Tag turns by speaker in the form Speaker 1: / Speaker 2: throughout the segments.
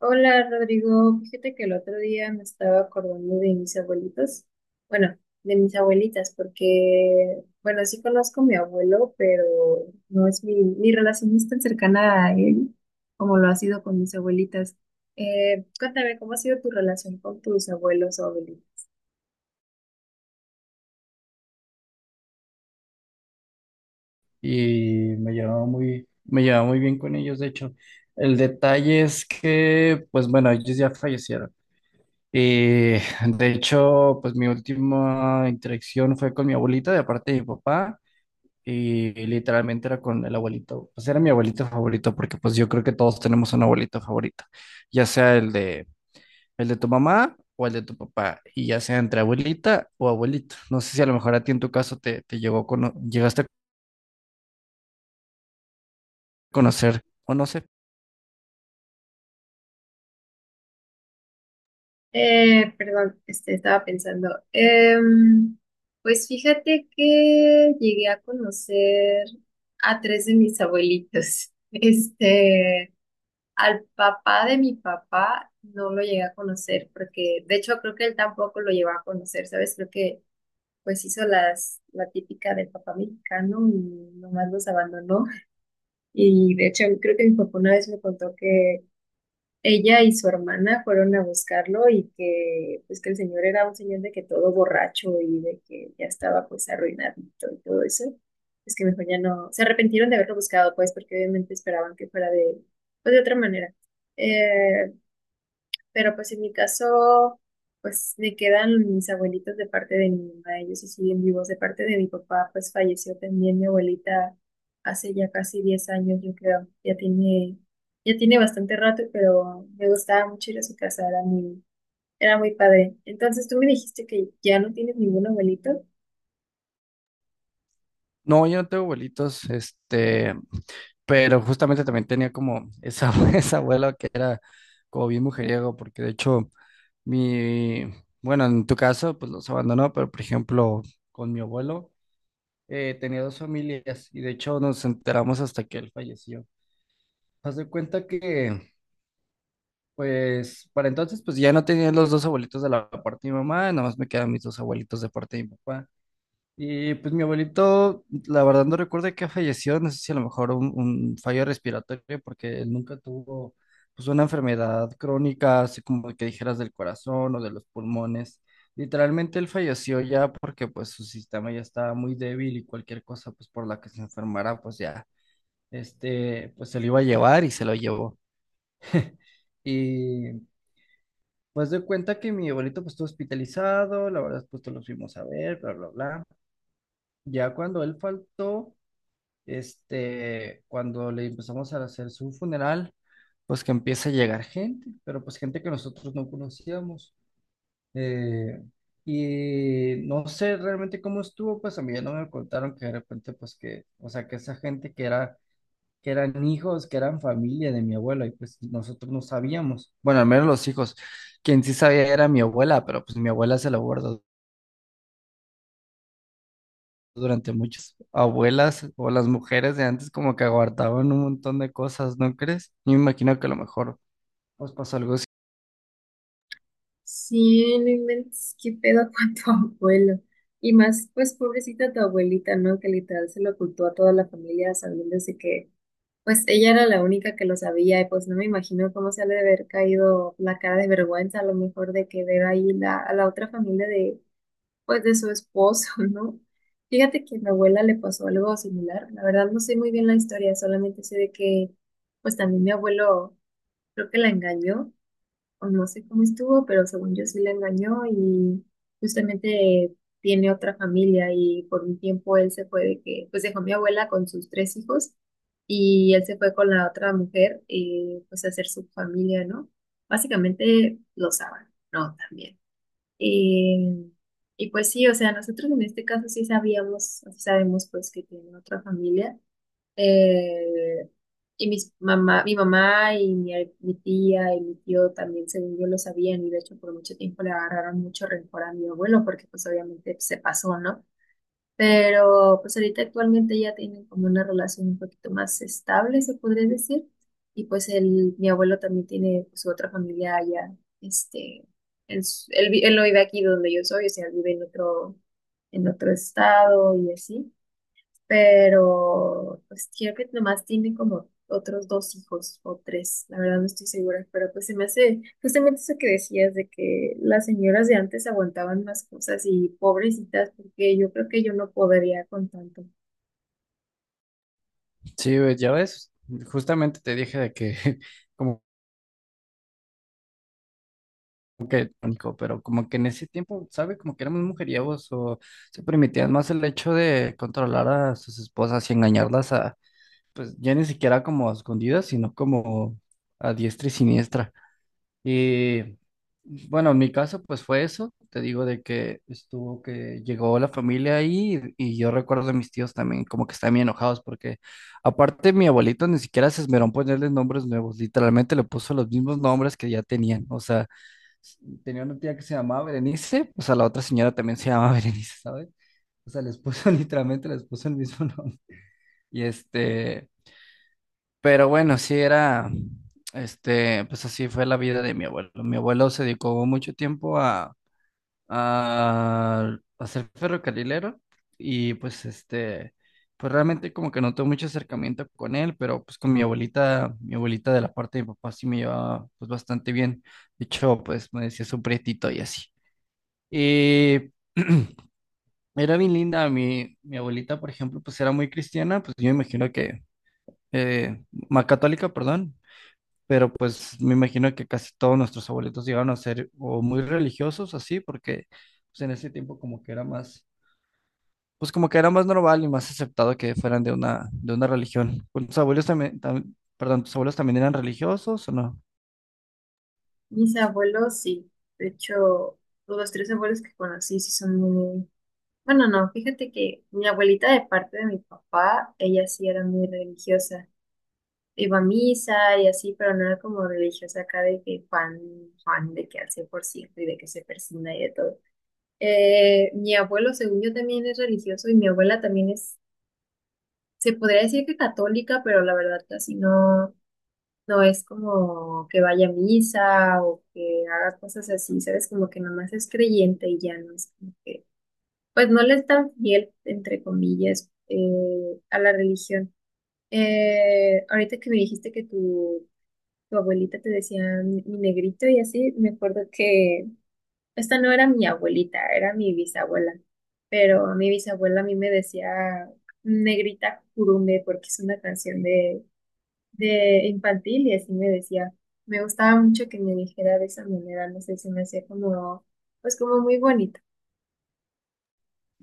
Speaker 1: Hola Rodrigo, fíjate que el otro día me estaba acordando de mis abuelitos, bueno, de mis abuelitas, porque, bueno, sí conozco a mi abuelo, pero no es mi relación no es tan cercana a él como lo ha sido con mis abuelitas. Cuéntame, ¿cómo ha sido tu relación con tus abuelos o abuelitos?
Speaker 2: Y me llevaba muy bien con ellos, de hecho. El detalle es que, pues bueno, ellos ya fallecieron. Y de hecho, pues mi última interacción fue con mi abuelita de parte de mi papá y literalmente era con el abuelito. Pues era mi abuelito favorito porque pues yo creo que todos tenemos un abuelito favorito, ya sea el de tu mamá o el de tu papá y ya sea entre abuelita o abuelito. No sé si a lo mejor a ti en tu caso te llegó a cono- llegaste a conocer o no sé.
Speaker 1: Perdón, este, estaba pensando. Pues fíjate que llegué a conocer a tres de mis abuelitos. Al papá de mi papá no lo llegué a conocer porque, de hecho, creo que él tampoco lo llevaba a conocer, ¿sabes? Creo que pues hizo la típica del papá mexicano y nomás los abandonó. Y de hecho, creo que mi papá una vez me contó que ella y su hermana fueron a buscarlo y que pues que el señor era un señor de que todo borracho y de que ya estaba pues arruinadito y todo eso. Es que mejor ya no, se arrepintieron de haberlo buscado pues porque obviamente esperaban que fuera de, pues, de otra manera. Eh, pero pues en mi caso, pues me quedan mis abuelitos de parte de mi mamá, ellos sí siguen vivos. De parte de mi papá, pues falleció también mi abuelita hace ya casi 10 años, yo creo. Ya tiene bastante rato, pero me gustaba mucho ir a su casa, era muy padre. Entonces tú me dijiste que ya no tienes ningún abuelito.
Speaker 2: No, yo no tengo abuelitos, este, pero justamente también tenía como esa, esa abuela que era como bien mujeriego, porque de hecho, mi, bueno, en tu caso, pues los abandonó, pero por ejemplo, con mi abuelo, tenía dos familias y de hecho nos enteramos hasta que él falleció. Haz de cuenta que, pues, para entonces, pues ya no tenía los dos abuelitos de la parte de mi mamá, nada más me quedan mis dos abuelitos de parte de mi papá. Y pues mi abuelito, la verdad no recuerdo de qué falleció, no sé si a lo mejor un fallo respiratorio, porque él nunca tuvo pues una enfermedad crónica, así como que dijeras del corazón o de los pulmones. Literalmente él falleció ya porque pues su sistema ya estaba muy débil y cualquier cosa pues por la que se enfermara pues ya, este, pues se lo iba a llevar y se lo llevó. Y pues de cuenta que mi abuelito pues estuvo hospitalizado, la verdad pues todos los fuimos a ver, bla, bla, bla. Ya cuando él faltó, este, cuando le empezamos a hacer su funeral, pues que empieza a llegar gente, pero pues gente que nosotros no conocíamos. Eh, y no sé realmente cómo estuvo, pues a mí ya no me contaron que de repente, pues que, o sea, que esa gente que era, que eran hijos, que eran familia de mi abuela, y pues nosotros no sabíamos. Bueno, al menos los hijos. Quien sí sabía era mi abuela, pero pues mi abuela se lo guardó durante muchos. Abuelas o las mujeres de antes como que aguardaban un montón de cosas, ¿no crees? Yo me imagino que a lo mejor os pasó algo así.
Speaker 1: Sí, no inventes, qué pedo con tu abuelo. Y más, pues pobrecita tu abuelita, ¿no? Que literal se lo ocultó a toda la familia sabiendo desde que... Pues ella era la única que lo sabía y pues no me imagino cómo se ha de haber caído la cara de vergüenza a lo mejor de que ver ahí a la otra familia de pues de su esposo, ¿no? Fíjate que a mi abuela le pasó algo similar. La verdad no sé muy bien la historia, solamente sé de que pues también mi abuelo creo que la engañó o no sé cómo estuvo, pero según yo sí la engañó y justamente tiene otra familia y por un tiempo él se fue de que, pues dejó a mi abuela con sus 3 hijos y él se fue con la otra mujer, pues a hacer su familia, ¿no? Básicamente lo saben, ¿no? También. Eh, y pues sí, o sea, nosotros en este caso sí sabíamos, sabemos pues que tiene otra familia. Eh, y mi mamá y mi tía y mi tío también, según yo, lo sabían y de hecho por mucho tiempo le agarraron mucho rencor a mi abuelo porque pues obviamente se pasó, ¿no? Pero pues ahorita actualmente ya tienen como una relación un poquito más estable, se podría decir. Y pues mi abuelo también tiene pues, su otra familia allá, este, él, s- él vi- él no vive aquí donde yo soy, o sea, él vive en otro estado y así pero pues creo que nomás tiene como otros dos hijos o tres, la verdad no estoy segura, pero pues se me hace justamente eso que decías de que las señoras de antes aguantaban más cosas y pobrecitas, porque yo creo que yo no podría con tanto.
Speaker 2: Sí, güey, ya ves, justamente te dije de que como que pánico, pero como que en ese tiempo, ¿sabe? Como que éramos mujeriegos o se permitían más el hecho de controlar a sus esposas y engañarlas a, pues ya ni siquiera como a escondidas, sino como a diestra y siniestra. Y bueno, en mi caso, pues fue eso. Te digo de que estuvo que llegó la familia ahí y yo recuerdo a mis tíos también como que estaban bien enojados porque aparte mi abuelito ni siquiera se esmeró en ponerles nombres nuevos, literalmente le puso los mismos nombres que ya tenían. O sea, s- tenía una tía que se llamaba Berenice, o sea, la otra señora también se llamaba Berenice, ¿sabes? O sea, les puso literalmente les puso el mismo nombre. Y este, pero bueno, sí era, este, pues así fue la vida de mi abuelo. Mi abuelo se dedicó mucho tiempo a ser ferrocarrilero y pues este, pues realmente como que no tuve mucho acercamiento con él, pero pues con mi abuelita de la parte de mi papá sí me llevaba pues bastante bien. De hecho, pues me decía su prietito y así. Y era bien linda, mi abuelita, por ejemplo, pues era muy cristiana, pues yo me imagino que, eh, más católica, perdón, pero pues me imagino que casi todos nuestros abuelitos llegaron a ser o muy religiosos así, porque pues en ese tiempo como que era más, pues como que era más normal y más aceptado que fueran de una religión. Pues, ¿tus abuelos también, tam- perdón, tus abuelos también eran religiosos o no?
Speaker 1: Mis abuelos sí, de hecho, los 3 abuelos que conocí sí son muy... Bueno, no, fíjate que mi abuelita de parte de mi papá, ella sí era muy religiosa. Iba a misa y así, pero no era como religiosa acá de que Juan de que al 100% y de que se persigna y de todo. Mi abuelo, según yo, también es religioso y mi abuela también es, se podría decir que católica, pero la verdad casi no, no es como que vaya a misa o que haga cosas así, ¿sabes? Como que nomás es creyente y ya no es como que, pues no le es tan fiel, entre comillas, a la religión. Ahorita que me dijiste que tu abuelita te decía mi negrito y así, me acuerdo que esta no era mi abuelita, era mi bisabuela, pero mi bisabuela a mí me decía negrita curumbe porque es una canción de, infantil y así me decía. Me gustaba mucho que me dijera de esa manera, no sé, se me hacía como, pues como muy bonito.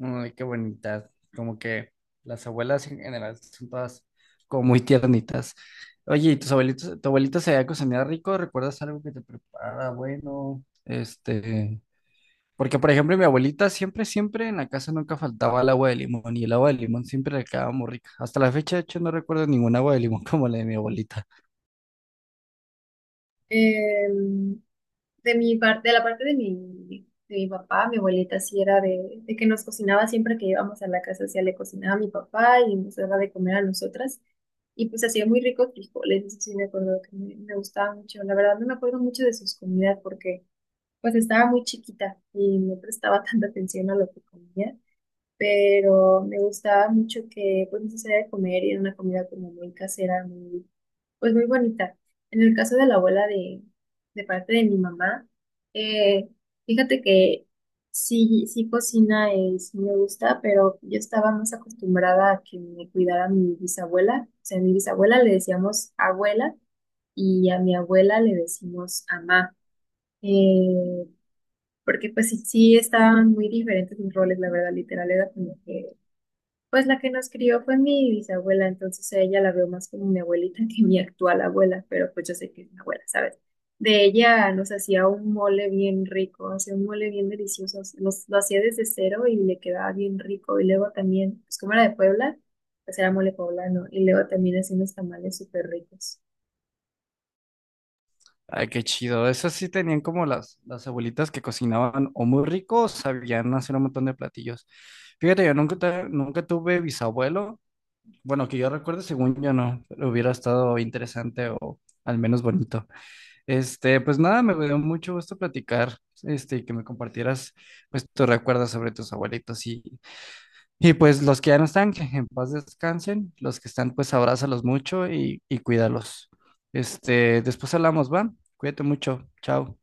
Speaker 2: Ay, qué bonita, como que las abuelas en general son todas como muy tiernitas. Oye, ¿y tus abuelitos, tu abuelita se había cocinado rico? ¿Recuerdas algo que te preparara bueno? Este… Porque, por ejemplo, mi abuelita siempre, siempre en la casa nunca faltaba el agua de limón y el agua de limón siempre le quedaba muy rica. Hasta la fecha, de hecho, no recuerdo ningún agua de limón como la de mi abuelita.
Speaker 1: Em, de mi parte, de la parte de mi papá, mi abuelita sí era de que nos cocinaba siempre que íbamos a la casa, o sea, le cocinaba a mi papá y nos daba de comer a nosotras. Y pues hacía muy ricos frijoles, eso sí me acuerdo que me gustaba mucho. La verdad no me acuerdo mucho de sus comidas porque pues estaba muy chiquita y no prestaba tanta atención a lo que comía pero me gustaba mucho que pues nos hacía de comer y era una comida como muy casera, pues muy bonita. En el caso de la abuela de parte de mi mamá, eh, fíjate que sí, sí cocina y sí me gusta, pero yo estaba más acostumbrada a que me cuidara mi bisabuela. O sea, a mi bisabuela le decíamos abuela y a mi abuela le decimos amá. Eh, Porque pues sí, sí estaban muy diferentes mis roles, la verdad, literal, era como que pues la que nos crió fue mi bisabuela, entonces a ella la veo más como mi abuelita que mi actual abuela, pero pues yo sé que es mi abuela, ¿sabes? De ella nos hacía un mole bien rico, hacía un mole bien delicioso, lo hacía desde cero y le quedaba bien rico. Y luego también, pues como era de Puebla, pues era mole poblano, y luego también hacía unos tamales súper ricos.
Speaker 2: Ay, qué chido. Esas sí tenían como las abuelitas que cocinaban o muy rico o sabían hacer un montón de platillos. Fíjate, yo nunca, te- nunca tuve bisabuelo. Bueno, que yo recuerdo, según yo no, pero hubiera estado interesante o al menos bonito. Este, pues nada, me dio mucho gusto platicar, este, y que me compartieras pues tus recuerdos sobre tus abuelitos y pues los que ya no están, que en paz descansen. Los que están, pues abrázalos mucho y cuídalos. Este, después hablamos, ¿va? Cuídate mucho. Chao.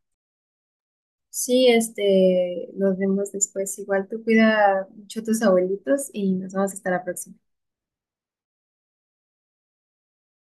Speaker 1: Sí, nos vemos después. Igual tú cuida mucho a tus abuelitos y nos vamos hasta la próxima.